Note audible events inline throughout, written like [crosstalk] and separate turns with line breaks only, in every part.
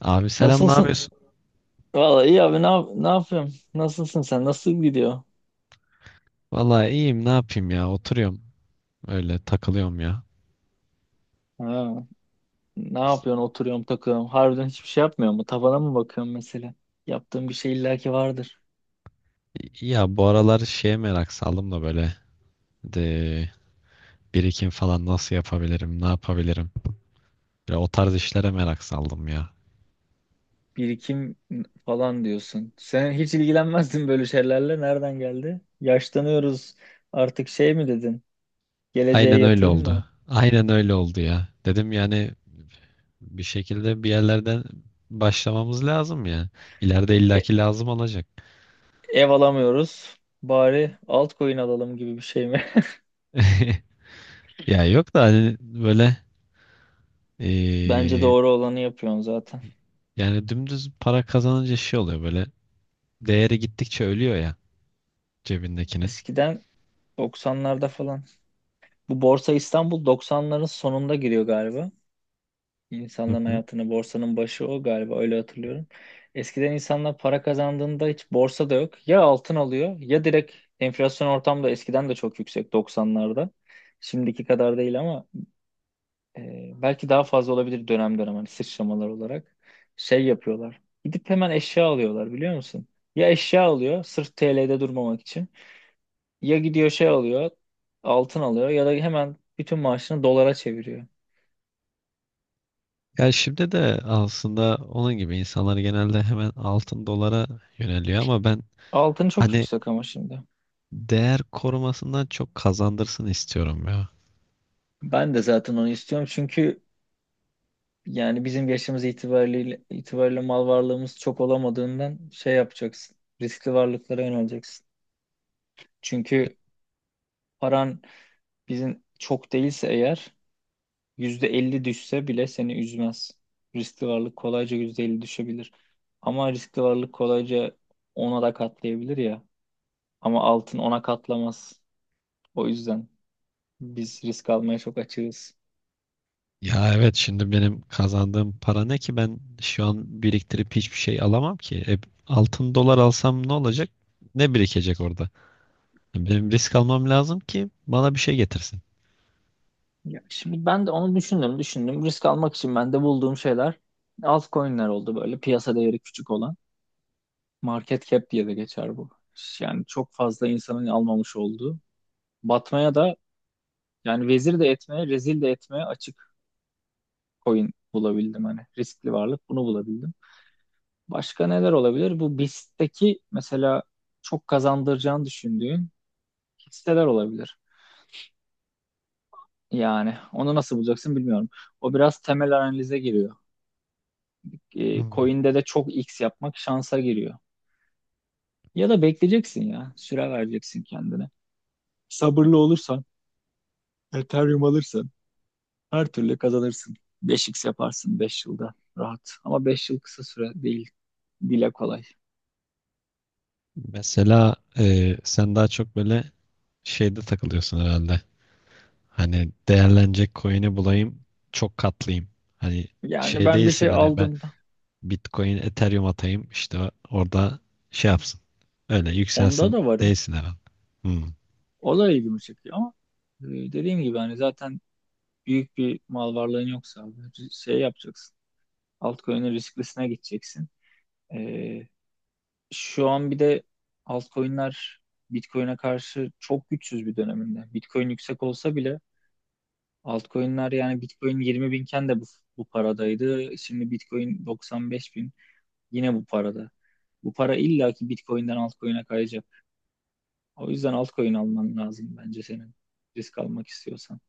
Abi selam, ne
Nasılsın?
yapıyorsun?
Vallahi iyi abi, ne yapıyorum? Nasılsın sen? Nasıl gidiyor?
Vallahi iyiyim, ne yapayım ya, oturuyorum, öyle takılıyorum ya.
Ha, ne yapıyorsun? Oturuyorum, takıyorum. Harbiden hiçbir şey yapmıyor mu? Tavana mı bakıyorsun mesela? Yaptığın bir şey illaki vardır.
Ya bu aralar şeye merak saldım da böyle de birikim falan nasıl yapabilirim, ne yapabilirim. Böyle o tarz işlere merak saldım ya.
Birikim falan diyorsun. Sen hiç ilgilenmezdin böyle şeylerle. Nereden geldi? Yaşlanıyoruz. Artık şey mi dedin? Geleceğe
Aynen öyle
yatırım
oldu.
mı?
Aynen öyle oldu ya. Dedim yani bir şekilde bir yerlerden başlamamız lazım ya. İleride
E-
illaki lazım olacak.
ev alamıyoruz. Bari altcoin alalım gibi bir şey mi? [laughs]
[laughs] Ya yok da hani böyle
Bence
eee,
doğru olanı yapıyorsun zaten.
yani dümdüz para kazanınca şey oluyor böyle. Değeri gittikçe ölüyor ya, cebindekinin.
Eskiden 90'larda falan. Bu Borsa İstanbul 90'ların sonunda giriyor galiba.
Hı
İnsanların
hı.
hayatına borsanın başı o galiba, öyle hatırlıyorum. Eskiden insanlar para kazandığında hiç borsa da yok. Ya altın alıyor ya direkt, enflasyon ortamda eskiden de çok yüksek 90'larda. Şimdiki kadar değil ama belki daha fazla olabilir dönem dönem, hani sıçramalar olarak. Şey yapıyorlar. Gidip hemen eşya alıyorlar, biliyor musun? Ya eşya alıyor sırf TL'de durmamak için. Ya gidiyor şey alıyor, altın alıyor ya da hemen bütün maaşını dolara çeviriyor.
Ya şimdi de aslında onun gibi insanlar genelde hemen altın dolara yöneliyor, ama ben
Altın çok
hani
yüksek ama şimdi.
değer korumasından çok kazandırsın istiyorum ya.
Ben de zaten onu istiyorum çünkü yani bizim yaşımız itibariyle, mal varlığımız çok olamadığından şey yapacaksın. Riskli varlıklara yöneleceksin. Çünkü paran, bizim çok değilse eğer, %50 düşse bile seni üzmez. Riskli varlık kolayca %50 düşebilir. Ama riskli varlık kolayca ona da katlayabilir ya. Ama altın ona katlamaz. O yüzden biz risk almaya çok açığız.
Ya evet, şimdi benim kazandığım para ne ki, ben şu an biriktirip hiçbir şey alamam ki. E, altın dolar alsam ne olacak? Ne birikecek orada? Benim risk almam lazım ki bana bir şey getirsin.
Ya şimdi ben de onu düşündüm. Risk almak için ben de bulduğum şeyler altcoin'ler oldu, böyle piyasa değeri küçük olan. Market cap diye de geçer bu. Yani çok fazla insanın almamış olduğu. Batmaya da, yani vezir de etmeye, rezil de etmeye açık coin bulabildim hani. Riskli varlık bunu bulabildim. Başka neler olabilir? Bu BIST'teki mesela çok kazandıracağını düşündüğün hisseler olabilir. Yani onu nasıl bulacaksın bilmiyorum. O biraz temel analize giriyor.
Anladım.
Coin'de de çok X yapmak şansa giriyor. Ya da bekleyeceksin ya. Süre vereceksin kendine. Sabırlı olursan, Ethereum alırsan her türlü kazanırsın. 5 x yaparsın 5 yılda rahat. Ama 5 yıl kısa süre değil. Dile kolay.
Mesela e, sen daha çok böyle şeyde takılıyorsun herhalde. Hani değerlenecek coin'i bulayım, çok katlayayım. Hani
Yani
şey
ben bir
değilsin
şey
hani, ben
aldığımda
Bitcoin, Ethereum atayım, işte orada şey yapsın. Öyle
onda
yükselsin
da varım.
değilsin herhalde. Hmm.
O da ilgimi çekiyor ama dediğim gibi hani zaten büyük bir mal varlığın yoksa abi, şey yapacaksın. Altcoin'in risklisine gideceksin. E, Şu an bir de altcoin'ler Bitcoin'e karşı çok güçsüz bir döneminde. Bitcoin yüksek olsa bile altcoin'ler, yani Bitcoin 20 binken de bu paradaydı. Şimdi Bitcoin 95 bin, yine bu parada. Bu para illaki Bitcoin'den altcoin'e kayacak. O yüzden altcoin alman lazım bence senin, risk almak istiyorsan.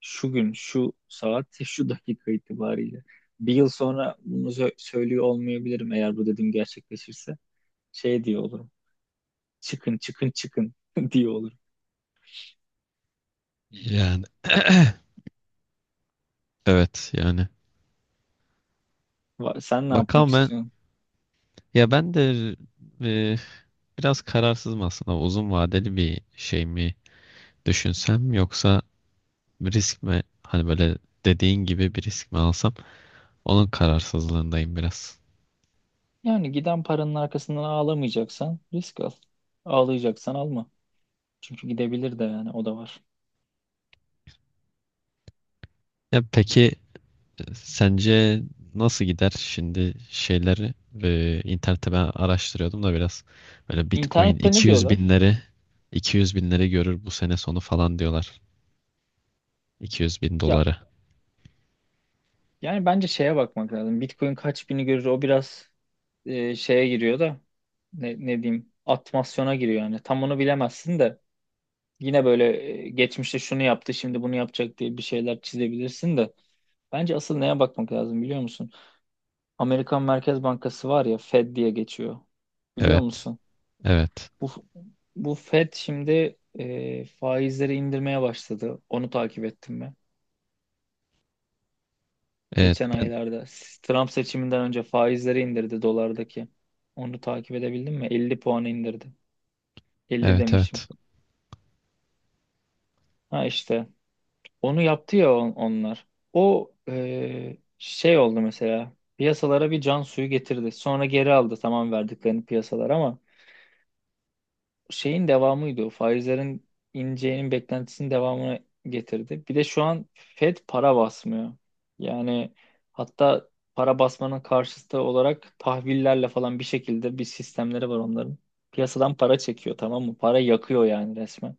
Şu gün, şu saat, [laughs] şu dakika itibariyle. Bir yıl sonra bunu söylüyor olmayabilirim eğer bu dediğim gerçekleşirse. Şey diyor olurum, çıkın çıkın çıkın [laughs] diye olur.
Yani [clears throat] evet yani.
Sen ne yapmak
Bakalım ben,
istiyorsun?
ya ben de e, biraz kararsızım aslında. Uzun vadeli bir şey mi düşünsem, yoksa bir risk mi, hani böyle dediğin gibi bir risk mi alsam, onun kararsızlığındayım biraz.
Yani giden paranın arkasından ağlamayacaksan risk al. Ağlayacaksan alma. Çünkü gidebilir de, yani o da var.
Ya peki, sence nasıl gider şimdi şeyleri, e, internette ben araştırıyordum da biraz, böyle Bitcoin
İnternette ne
200
diyorlar?
binleri, 200 binleri görür bu sene sonu falan diyorlar. 200 bin
Ya
doları.
yani bence şeye bakmak lazım. Bitcoin kaç bini görür o biraz şeye giriyor da, ne diyeyim, atmasyona giriyor yani. Tam onu bilemezsin de yine böyle, geçmişte şunu yaptı şimdi bunu yapacak diye bir şeyler çizebilirsin de, bence asıl neye bakmak lazım biliyor musun? Amerikan Merkez Bankası var ya, Fed diye geçiyor. Biliyor
Evet.
musun?
Evet.
Bu bu Fed şimdi faizleri indirmeye başladı. Onu takip ettim mi?
Evet
Geçen
ben
aylarda Trump seçiminden önce faizleri indirdi dolardaki. Onu takip edebildin mi? 50 puan indirdi. 50
evet
demişim.
evet.
Ha işte onu yaptı ya onlar. O şey oldu, mesela piyasalara bir can suyu getirdi. Sonra geri aldı, tamam, verdiklerini piyasalar ama şeyin devamıydı o. Faizlerin ineceğinin beklentisinin devamını getirdi. Bir de şu an Fed para basmıyor. Yani hatta para basmanın karşıtı olarak tahvillerle falan bir şekilde bir sistemleri var onların. Piyasadan para çekiyor, tamam mı? Para yakıyor yani resmen.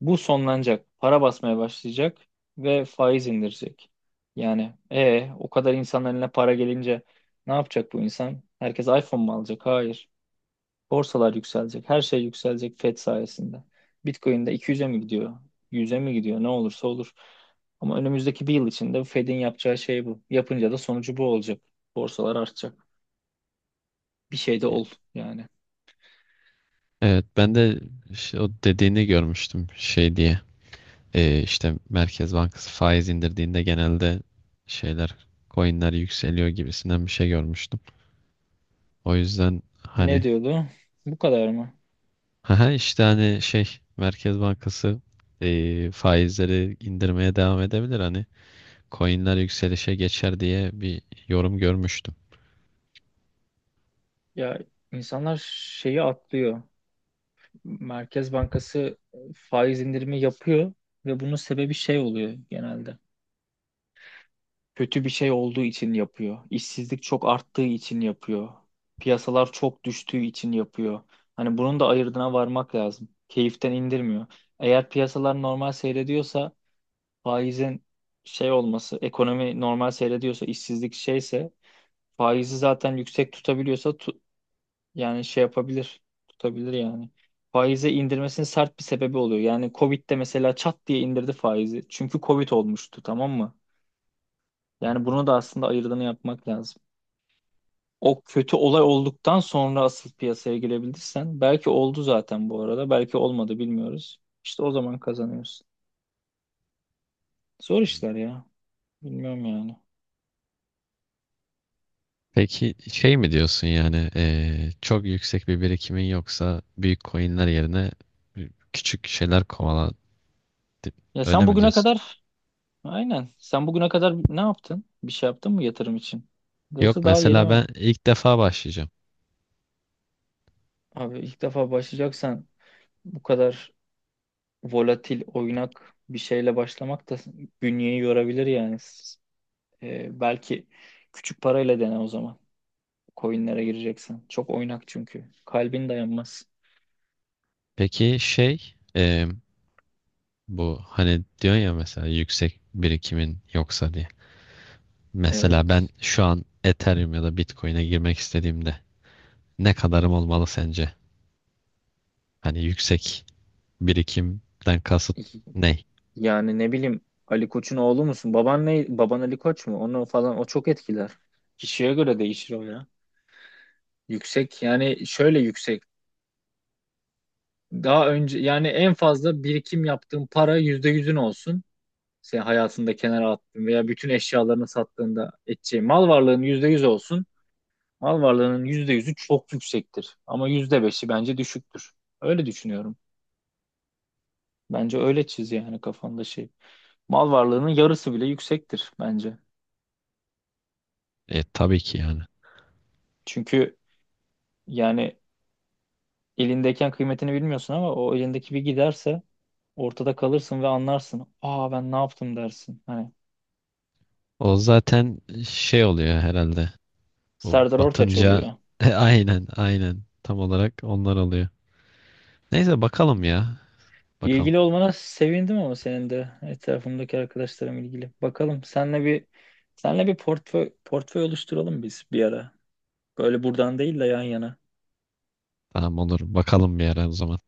Bu sonlanacak. Para basmaya başlayacak ve faiz indirecek. Yani o kadar insanların eline para gelince ne yapacak bu insan? Herkes iPhone mu alacak? Hayır. Borsalar yükselecek. Her şey yükselecek Fed sayesinde. Bitcoin de 200'e mi gidiyor? 100'e mi gidiyor? Ne olursa olur. Ama önümüzdeki bir yıl içinde Fed'in yapacağı şey bu. Yapınca da sonucu bu olacak. Borsalar artacak. Bir şey de ol yani.
Evet ben de işte o dediğini görmüştüm şey diye. E, işte Merkez Bankası faiz indirdiğinde genelde şeyler, coinler yükseliyor gibisinden bir şey görmüştüm. O yüzden
Ne
hani,
diyordu? Bu kadar mı?
aha, işte hani şey Merkez Bankası faizleri indirmeye devam edebilir, hani coinler yükselişe geçer diye bir yorum görmüştüm.
Ya insanlar şeyi atlıyor. Merkez Bankası faiz indirimi yapıyor ve bunun sebebi şey oluyor genelde. Kötü bir şey olduğu için yapıyor. İşsizlik çok arttığı için yapıyor. Piyasalar çok düştüğü için yapıyor. Hani bunun da ayırdına varmak lazım. Keyiften indirmiyor. Eğer piyasalar normal seyrediyorsa, faizin şey olması, ekonomi normal seyrediyorsa, işsizlik şeyse, faizi zaten yüksek tutabiliyorsa, yani şey yapabilir. Tutabilir yani. Faize indirmesinin sert bir sebebi oluyor. Yani Covid'de mesela çat diye indirdi faizi. Çünkü Covid olmuştu, tamam mı?
Hı
Yani
hı.
bunu da aslında ayırdığını yapmak lazım. O kötü olay olduktan sonra asıl piyasaya girebilirsen, belki oldu zaten bu arada, belki olmadı bilmiyoruz. İşte o zaman kazanıyorsun. Zor işler ya. Bilmiyorum yani.
Peki şey mi diyorsun yani, çok yüksek bir birikimin yoksa büyük coinler yerine küçük şeyler kovala,
Ya
öyle
sen
mi
bugüne
diyorsun?
kadar aynen Sen bugüne kadar ne yaptın? Bir şey yaptın mı yatırım için? Yoksa
Yok,
daha yeni
mesela
mi?
ben ilk defa başlayacağım.
Abi ilk defa başlayacaksan bu kadar volatil, oynak bir şeyle başlamak da bünyeyi yorabilir yani. Belki küçük parayla dene o zaman. Coinlere gireceksen. Çok oynak çünkü. Kalbin dayanmaz.
Peki şey bu hani diyorsun ya, mesela yüksek birikimin yoksa diye. Mesela ben
Evet.
şu an Ethereum ya da Bitcoin'e girmek istediğimde ne kadarım olmalı sence? Hani yüksek birikimden kasıt
İki-
ne?
Yani ne bileyim, Ali Koç'un oğlu musun? Baban ne? Baban Ali Koç mu? Onu falan, o çok etkiler. Kişiye göre değişir o ya. Yüksek, yani şöyle yüksek. Daha önce yani en fazla birikim yaptığın para %100'ün olsun. Sen hayatında kenara attığın veya bütün eşyalarını sattığında edeceğin mal varlığının %100 olsun. Mal varlığının %100'ü çok yüksektir. Ama %5'i bence düşüktür. Öyle düşünüyorum. Bence öyle çiz yani kafanda şey. Mal varlığının yarısı bile yüksektir bence.
E, tabii ki yani.
Çünkü yani elindeyken kıymetini bilmiyorsun ama o elindeki bir giderse ortada kalırsın ve anlarsın. Aa ben ne yaptım dersin hani.
O zaten şey oluyor herhalde. O
Serdar Ortaç
batınca [laughs]
oluyor.
e, aynen aynen, tam olarak onlar oluyor. Neyse bakalım ya. Bakalım.
İlgili olmana sevindim, ama senin de etrafımdaki arkadaşlarım ilgili. Bakalım senle bir, portföy oluşturalım biz bir ara. Böyle buradan değil de yan yana.
Tamam, olur. Bakalım bir ara o zaman.